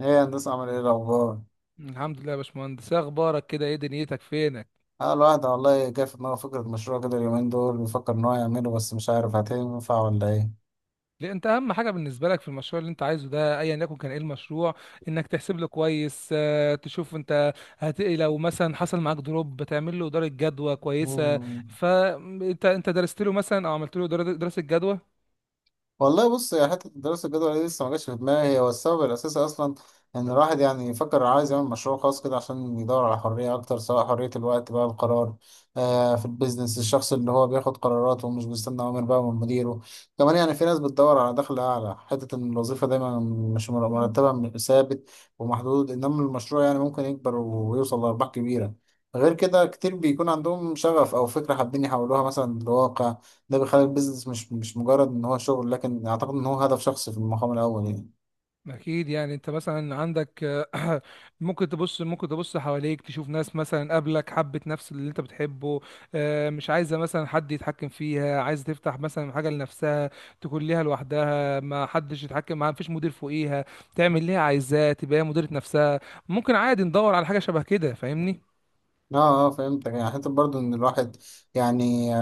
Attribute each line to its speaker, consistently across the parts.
Speaker 1: ايه هندسة، عامل ايه الأخبار؟
Speaker 2: الحمد لله يا باشمهندس، إيه اخبارك؟ كده ايه دنيتك؟ فينك؟
Speaker 1: اه الواحد والله جه في دماغه فكرة مشروع كده، اليومين دول بيفكر إن هو يعمله، بس مش عارف هتنفع ولا ايه؟
Speaker 2: لأ، انت اهم حاجه بالنسبه لك في المشروع اللي انت عايزه ده ايا يكن كان ايه المشروع. انك تحسب له كويس، تشوف انت لو مثلا حصل معاك دروب بتعمل له اداره جدوى كويسه.
Speaker 1: مم.
Speaker 2: فانت انت أنت درست له مثلا او عملت له دراسه جدوى.
Speaker 1: والله بص يا حتة، دراسة الجدوى دي لسه ما جاتش في دماغي هي، والسبب الأساسي أصلا إن الواحد يعني يفكر عايز يعمل مشروع خاص كده عشان يدور على حرية أكتر، سواء حرية الوقت بقى، القرار. في البيزنس الشخص اللي هو بياخد قراراته ومش بيستنى أوامر بقى من مديره. كمان يعني في ناس بتدور على دخل أعلى، حتة إن الوظيفة دايما مش مرتبها ثابت ومحدود، إنما المشروع يعني ممكن يكبر ويوصل لأرباح كبيرة. غير كده كتير بيكون عندهم شغف أو فكرة حابين يحولوها مثلا لواقع. ده بيخلي البيزنس مش مجرد ان هو شغل، لكن اعتقد ان هو هدف شخصي في المقام الاول يعني.
Speaker 2: اكيد، يعني انت مثلا عندك. آه، ممكن تبص حواليك تشوف ناس مثلا قبلك حبت نفس اللي انت بتحبه. مش عايزه مثلا حد يتحكم فيها، عايزه تفتح مثلا حاجه لنفسها. تكون ليها لوحدها، ما حدش يتحكم معاها، مفيش مدير فوقيها. تعمل اللي هي عايزاه، تبقى هي مديره نفسها. ممكن عادي ندور على حاجه شبه كده، فاهمني؟
Speaker 1: اه اه، فهمتك. يعني حتى برضو ان الواحد يعني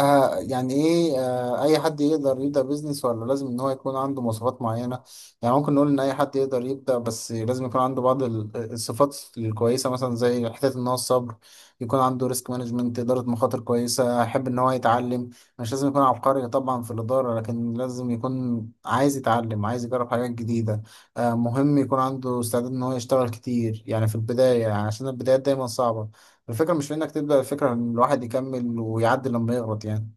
Speaker 1: يعني ايه، اي حد يقدر يبدأ بيزنس ولا لازم ان هو يكون عنده مواصفات معينة؟ يعني ممكن نقول ان اي حد يقدر يبدأ، بس لازم يكون عنده بعض الصفات الكويسة، مثلا زي حتة ان هو الصبر، يكون عنده ريسك مانجمنت، إدارة مخاطر كويسة، يحب ان هو يتعلم. مش لازم يكون عبقري طبعا في الإدارة، لكن لازم يكون عايز يتعلم، عايز يجرب حاجات جديدة. مهم يكون عنده استعداد ان هو يشتغل كتير يعني في البداية، يعني عشان البدايات دايما صعبة. الفكرة مش في إنك تبدأ، الفكرة إن الواحد يكمل ويعدي لما يغلط يعني.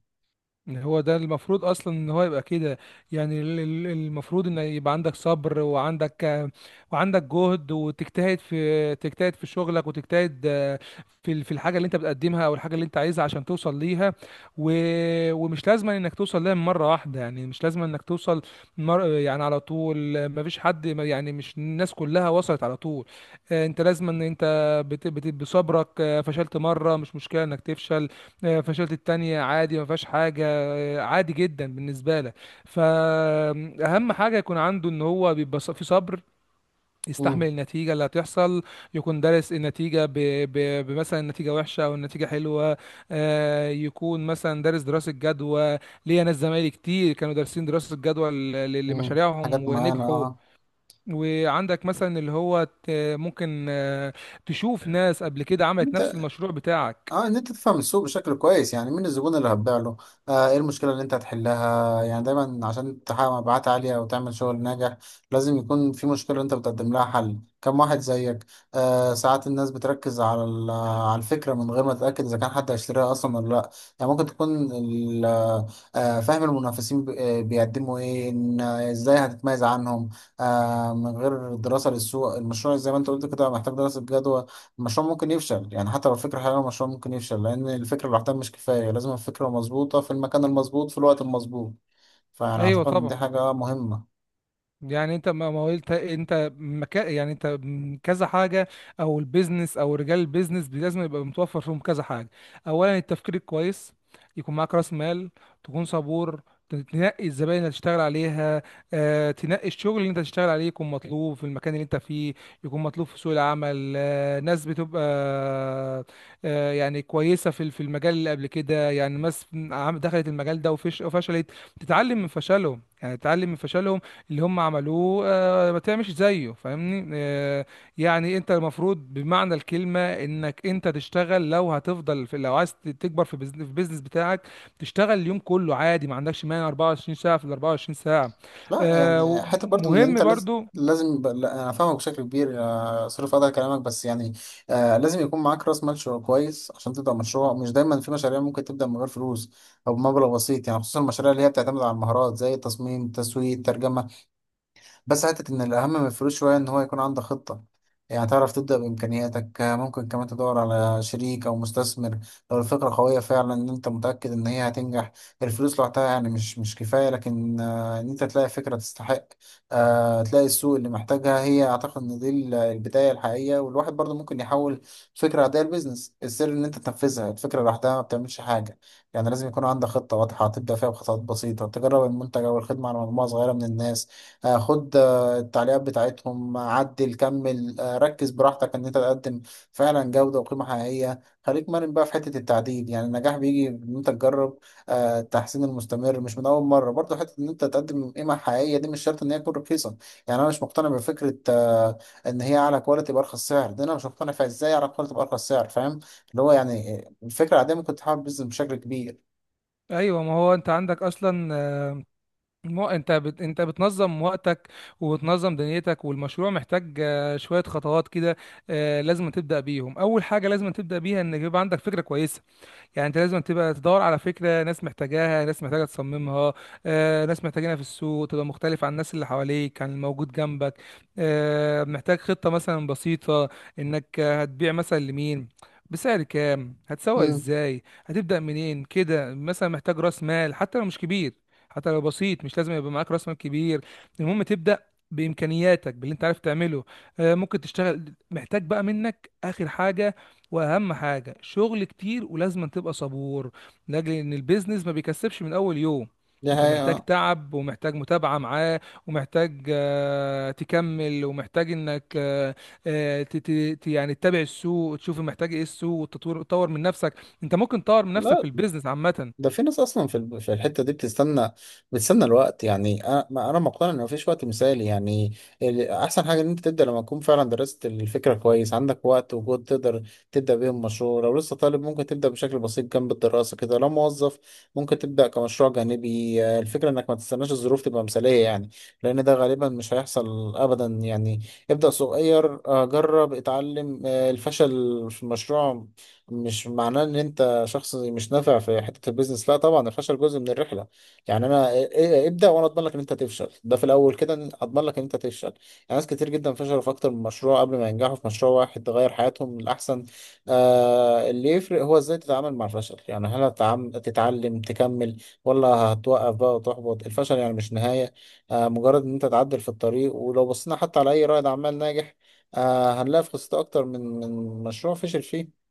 Speaker 2: إن هو ده المفروض اصلا ان هو يبقى كده. يعني المفروض ان يبقى عندك صبر، وعندك، وعندك جهد، وتجتهد في شغلك، وتجتهد. في الحاجه اللي انت بتقدمها او الحاجه اللي انت عايزها عشان توصل ليها. و... ومش لازم انك توصل ليها من مره واحده، يعني مش لازم انك توصل. يعني على طول، ما فيش حد، يعني مش الناس كلها وصلت على طول. انت لازم ان انت بصبرك. فشلت مره، مش مشكله انك تفشل. فشلت التانية عادي، ما فيهاش حاجه. عادي جدا بالنسبه لك، فاهم؟ حاجه يكون عنده ان هو بيبقى في صبر،
Speaker 1: مم.
Speaker 2: يستحمل النتيجه اللي هتحصل. يكون دارس النتيجه، بمثلا النتيجه وحشه او النتيجه حلوه. يكون مثلا دارس دراسه جدوى. ليا ناس زمايلي كتير كانوا دارسين دراسه جدوى
Speaker 1: مم.
Speaker 2: لمشاريعهم
Speaker 1: حاجات معينة،
Speaker 2: ونجحوا.
Speaker 1: اه.
Speaker 2: وعندك مثلا اللي هو ممكن، تشوف ناس قبل كده عملت نفس
Speaker 1: انت
Speaker 2: المشروع بتاعك.
Speaker 1: اه ان انت تفهم السوق بشكل كويس، يعني مين الزبون اللي هتبيع له؟ ايه المشكله اللي انت هتحلها؟ يعني دايما عشان تحقق مبيعات عاليه وتعمل شغل ناجح لازم يكون في مشكله انت بتقدم لها حل، كم واحد زيك. ساعات الناس بتركز على على الفكره من غير ما تتاكد اذا كان حد هيشتريها اصلا ولا لا. يعني ممكن تكون فاهم المنافسين بيقدموا ايه، ان ازاي هتتميز عنهم. من غير دراسه للسوق المشروع، زي ما انت قلت كده محتاج دراسه جدوى. المشروع ممكن يفشل، يعني حتى لو الفكرة حلوة المشروع ممكن يفشل، لأن الفكرة لوحدها مش كفاية. لازم الفكرة مظبوطة في المكان المظبوط في الوقت المظبوط. فأنا
Speaker 2: ايوه
Speaker 1: أعتقد إن دي
Speaker 2: طبعا.
Speaker 1: حاجة مهمة.
Speaker 2: يعني انت ما قلت انت يعني انت كذا حاجه. او البيزنس او رجال البيزنس لازم يبقى متوفر فيهم كذا حاجه. اولا، التفكير الكويس. يكون معاك راس مال. تكون صبور. تنقي الزباين اللي هتشتغل عليها. تنقي الشغل اللي انت هتشتغل عليه، يكون مطلوب في المكان اللي انت فيه. يكون مطلوب في سوق العمل. ناس بتبقى، يعني كويسه في المجال اللي قبل كده، يعني ناس دخلت المجال ده وفشلت. تتعلم من فشلهم، يعني تتعلم من فشلهم اللي هم عملوه. ما تعملش زيه، فاهمني. يعني انت المفروض بمعنى الكلمة انك انت تشتغل. لو عايز تكبر في البيزنس بتاعك، تشتغل اليوم كله عادي، ما عندكش مانع 24 ساعة في ال 24 ساعة.
Speaker 1: لا يعني حتى برضو إن أنت
Speaker 2: ومهم
Speaker 1: لازم،
Speaker 2: برضو.
Speaker 1: لا، أنا فاهمك بشكل كبير. صرف هذا كلامك، بس يعني لازم يكون معاك رأس مال كويس عشان تبدأ مشروع. مش دايما، في مشاريع ممكن تبدأ من غير فلوس أو بمبلغ بسيط، يعني خصوصا المشاريع اللي هي بتعتمد على المهارات زي التصميم، التسويق، الترجمة. بس حتة إن الأهم من الفلوس شوية إن هو يكون عندك خطة، يعني تعرف تبدأ بإمكانياتك. ممكن كمان تدور على شريك أو مستثمر لو الفكرة قوية فعلا، إن أنت متأكد إن هي هتنجح. الفلوس لوحدها يعني مش كفاية، لكن إن أنت تلاقي فكرة تستحق، تلاقي السوق اللي محتاجها، هي أعتقد إن دي البداية الحقيقية. والواحد برضه ممكن يحول فكرة عادية لبيزنس، السر إن أنت تنفذها. الفكرة لوحدها ما بتعملش حاجة، يعني لازم يكون عندك خطة واضحة، تبدأ فيها بخطوات بسيطة، تجرب المنتج أو الخدمة على مجموعة صغيرة من الناس. خد التعليقات بتاعتهم، عدل، كمل. ركز براحتك ان انت تقدم فعلا جودة وقيمة حقيقية. خليك مرن بقى في حتة التعديل، يعني النجاح بيجي ان انت تجرب. التحسين المستمر مش من اول مرة، برضه حتة ان انت تقدم قيمة حقيقية دي مش شرط ان هي تكون رخيصة. يعني انا مش مقتنع بفكرة ان هي اعلى كواليتي بارخص سعر. ده انا مش مقتنع فيها، ازاي اعلى كواليتي بارخص سعر؟ فاهم، اللي هو يعني الفكرة العادية ممكن تحول بيزنس بشكل كبير.
Speaker 2: ايوه، ما هو انت عندك اصلا. انت انت بتنظم وقتك وبتنظم دنيتك، والمشروع محتاج، شويه خطوات كده. لازم تبدا بيهم. اول حاجه لازم تبدا بيها انك يبقى عندك فكره كويسه. يعني انت لازم تبقى تدور على فكره ناس محتاجاها، ناس محتاجه تصممها. ناس محتاجينها في السوق، تبقى مختلف عن الناس اللي حواليك، عن الموجود جنبك. محتاج خطه مثلا بسيطه. انك هتبيع مثلا لمين، بسعر كام، هتسوق
Speaker 1: امم.
Speaker 2: ازاي، هتبدا منين كده مثلا. محتاج راس مال حتى لو مش كبير، حتى لو بسيط. مش لازم يبقى معاك راس مال كبير، المهم تبدا بامكانياتك، باللي انت عارف تعمله. ممكن تشتغل. محتاج بقى منك اخر حاجه واهم حاجه، شغل كتير ولازم تبقى صبور، لاجل ان البيزنس ما بيكسبش من اول يوم.
Speaker 1: دي
Speaker 2: انت محتاج
Speaker 1: حقيقة.
Speaker 2: تعب، ومحتاج متابعه معاه، ومحتاج، تكمل، ومحتاج انك، آه، ت- ت- يعني تتابع السوق وتشوف محتاج ايه السوق، وتطور من نفسك. انت ممكن تطور من نفسك في
Speaker 1: لا،
Speaker 2: البيزنس عامه.
Speaker 1: ده في ناس اصلا في في الحته دي بتستنى، بتستنى الوقت. يعني انا انا مقتنع ان مفيش وقت مثالي يعني. احسن حاجه ان انت تبدا لما تكون فعلا درست الفكره كويس، عندك وقت وجهد تقدر تبدا بيهم مشروع. لو لسه طالب ممكن تبدا بشكل بسيط جنب الدراسه كده، لو موظف ممكن تبدا كمشروع جانبي. الفكره انك ما تستناش الظروف تبقى مثاليه، يعني لان ده غالبا مش هيحصل ابدا يعني. ابدا صغير، جرب، اتعلم. الفشل في المشروع مش معناه ان انت شخص مش نافع في حته البيزنس، لا طبعا. الفشل جزء من الرحله، يعني انا إيه- إيه- إيه، ابدا وانا اضمن لك ان انت تفشل ده في الاول كده، اضمن لك ان انت تفشل يعني. ناس كتير جدا فشلوا في اكتر من مشروع قبل ما ينجحوا في مشروع واحد تغير حياتهم للاحسن. اللي يفرق هو ازاي تتعامل مع الفشل، يعني هل تتعلم تكمل ولا هتوقف بقى وتحبط؟ الفشل يعني مش نهايه، مجرد ان انت تعدل في الطريق. ولو بصينا حتى على اي رائد اعمال ناجح، هنلاقي في قصته اكتر من مشروع فشل فيه.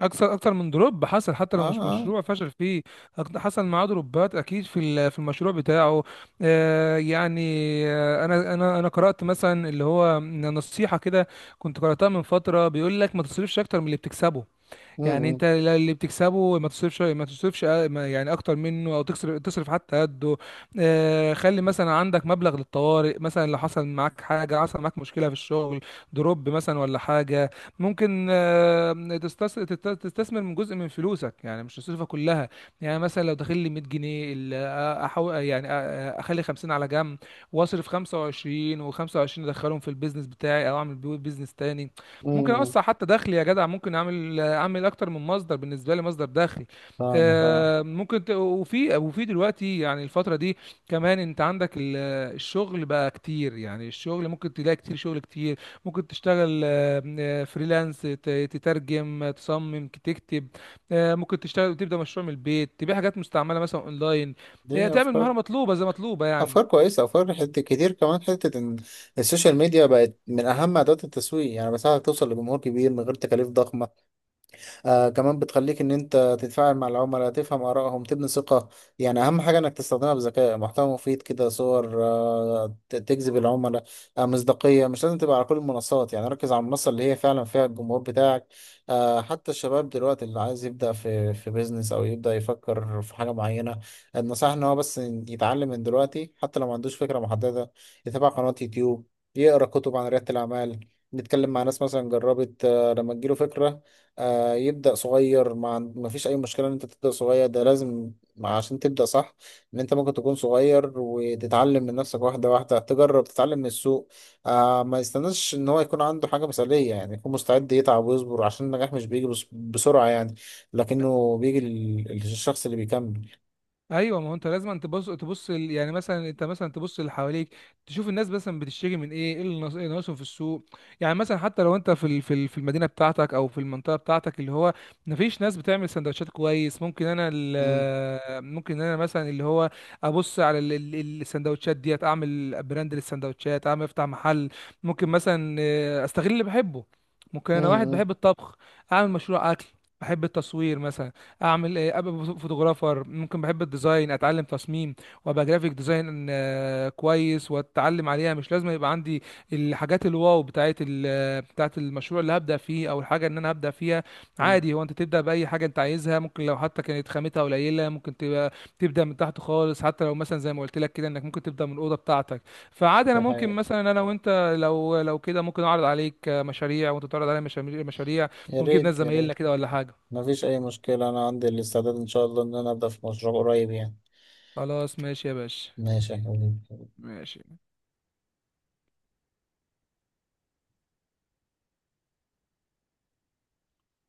Speaker 2: اكثر من دروب حصل، حتى لو مش
Speaker 1: اه
Speaker 2: مشروع فشل فيه. حصل معاه دروبات اكيد في المشروع بتاعه. يعني، انا قرات مثلا اللي هو نصيحه كده، كنت قراتها من فتره، بيقول لك ما تصرفش اكتر من اللي بتكسبه. يعني
Speaker 1: اه.
Speaker 2: انت اللي بتكسبه ما تصرفش يعني اكتر منه، او تكسر تصرف حتى قده. خلي مثلا عندك مبلغ للطوارئ. مثلا لو حصل معاك حاجه، حصل معاك مشكله في الشغل، دروب مثلا ولا حاجه، ممكن، تستثمر من جزء من فلوسك، يعني مش تصرفها كلها. يعني مثلا لو داخل لي 100 جنيه، يعني، اخلي 50 على جنب، واصرف 25 و25 ادخلهم في البيزنس بتاعي، او اعمل بيه بيزنس تاني. ممكن
Speaker 1: امم
Speaker 2: اوسع حتى دخلي يا جدع، ممكن اعمل اكتر من مصدر بالنسبه لي، مصدر دخل.
Speaker 1: فاهمك، اه.
Speaker 2: ممكن وفي دلوقتي يعني الفتره دي كمان انت عندك الشغل بقى كتير، يعني الشغل ممكن تلاقي كتير، شغل كتير. ممكن تشتغل، فريلانس، تترجم، تصمم، تكتب. ممكن تشتغل وتبدا مشروع من البيت، تبيع حاجات مستعمله مثلا اونلاين.
Speaker 1: دي
Speaker 2: تعمل
Speaker 1: افكار،
Speaker 2: مهاره مطلوبه، زي مطلوبه يعني.
Speaker 1: افكار كويسه. افكار حته كتير، كمان حته ان السوشيال ميديا بقت من اهم ادوات التسويق، يعني بساعدك توصل لجمهور كبير من غير تكاليف ضخمه. كمان بتخليك ان انت تتفاعل مع العملاء، تفهم ارائهم، تبني ثقة. يعني اهم حاجة انك تستخدمها بذكاء، محتوى مفيد كده، صور تجذب العملاء، مصداقية. مش لازم تبقى على كل المنصات، يعني ركز على المنصة اللي هي فعلا فيها الجمهور بتاعك. حتى الشباب دلوقتي اللي عايز يبدأ في بيزنس او يبدأ يفكر في حاجة معينة، النصيحة ان هو بس يتعلم من دلوقتي، حتى لو ما عندوش فكرة محددة. يتابع قناة يوتيوب، يقرأ كتب عن ريادة الأعمال، نتكلم مع ناس مثلا جربت. لما تجيله فكرة، يبدأ صغير. ما فيش أي مشكلة إن أنت تبدأ صغير، ده لازم عشان تبدأ صح. إن أنت ممكن تكون صغير وتتعلم من نفسك، واحدة واحدة تجرب، تتعلم من السوق. ما يستناش إن هو يكون عنده حاجة مثالية، يعني يكون مستعد يتعب ويصبر عشان النجاح مش بيجي بسرعة يعني، لكنه بيجي للشخص اللي بيكمل.
Speaker 2: ايوه، ما هو انت لازم تبص، يعني مثلا انت مثلا تبص اللي حواليك، تشوف الناس مثلا بتشتري من ايه، إيه اللي ناقصهم في السوق. يعني مثلا حتى لو انت في المدينه بتاعتك او في المنطقه بتاعتك، اللي هو مفيش ناس بتعمل سندوتشات كويس، ممكن انا،
Speaker 1: مم.
Speaker 2: ممكن انا مثلا، اللي هو ابص على السندوتشات ديت، اعمل براند للسندوتشات، اعمل افتح محل. ممكن مثلا، استغل اللي بحبه. ممكن انا واحد
Speaker 1: مم.
Speaker 2: بحب الطبخ، اعمل مشروع اكل. بحب التصوير مثلا، اعمل ايه؟ ابقى فوتوغرافر. ممكن بحب الديزاين، اتعلم تصميم وابقى جرافيك ديزاين، كويس واتعلم عليها. مش لازم يبقى عندي الحاجات الواو بتاعت المشروع اللي هبدا فيه او الحاجه ان انا هبدا فيها.
Speaker 1: مم.
Speaker 2: عادي، هو انت تبدا باي حاجه انت عايزها، ممكن لو حتى كانت خامتها قليله، ممكن تبقى تبدا من تحت خالص. حتى لو مثلا زي ما قلت لك كده، انك ممكن تبدا من الاوضه بتاعتك. فعادي، انا
Speaker 1: دي
Speaker 2: ممكن
Speaker 1: حقيقة.
Speaker 2: مثلا انا وانت، لو كده ممكن اعرض عليك مشاريع، وانت تعرض عليا مشاريع، مشاريع.
Speaker 1: يا
Speaker 2: ونجيب ناس
Speaker 1: ريت يا
Speaker 2: زمايلنا
Speaker 1: ريت.
Speaker 2: كده ولا حاجه.
Speaker 1: ما فيش أي مشكلة، أنا عندي الاستعداد إن شاء الله إن أنا أبدأ في مشروع قريب يعني.
Speaker 2: خلاص، ماشي يا باشا.
Speaker 1: ماشي يا حبيبي.
Speaker 2: ماشي.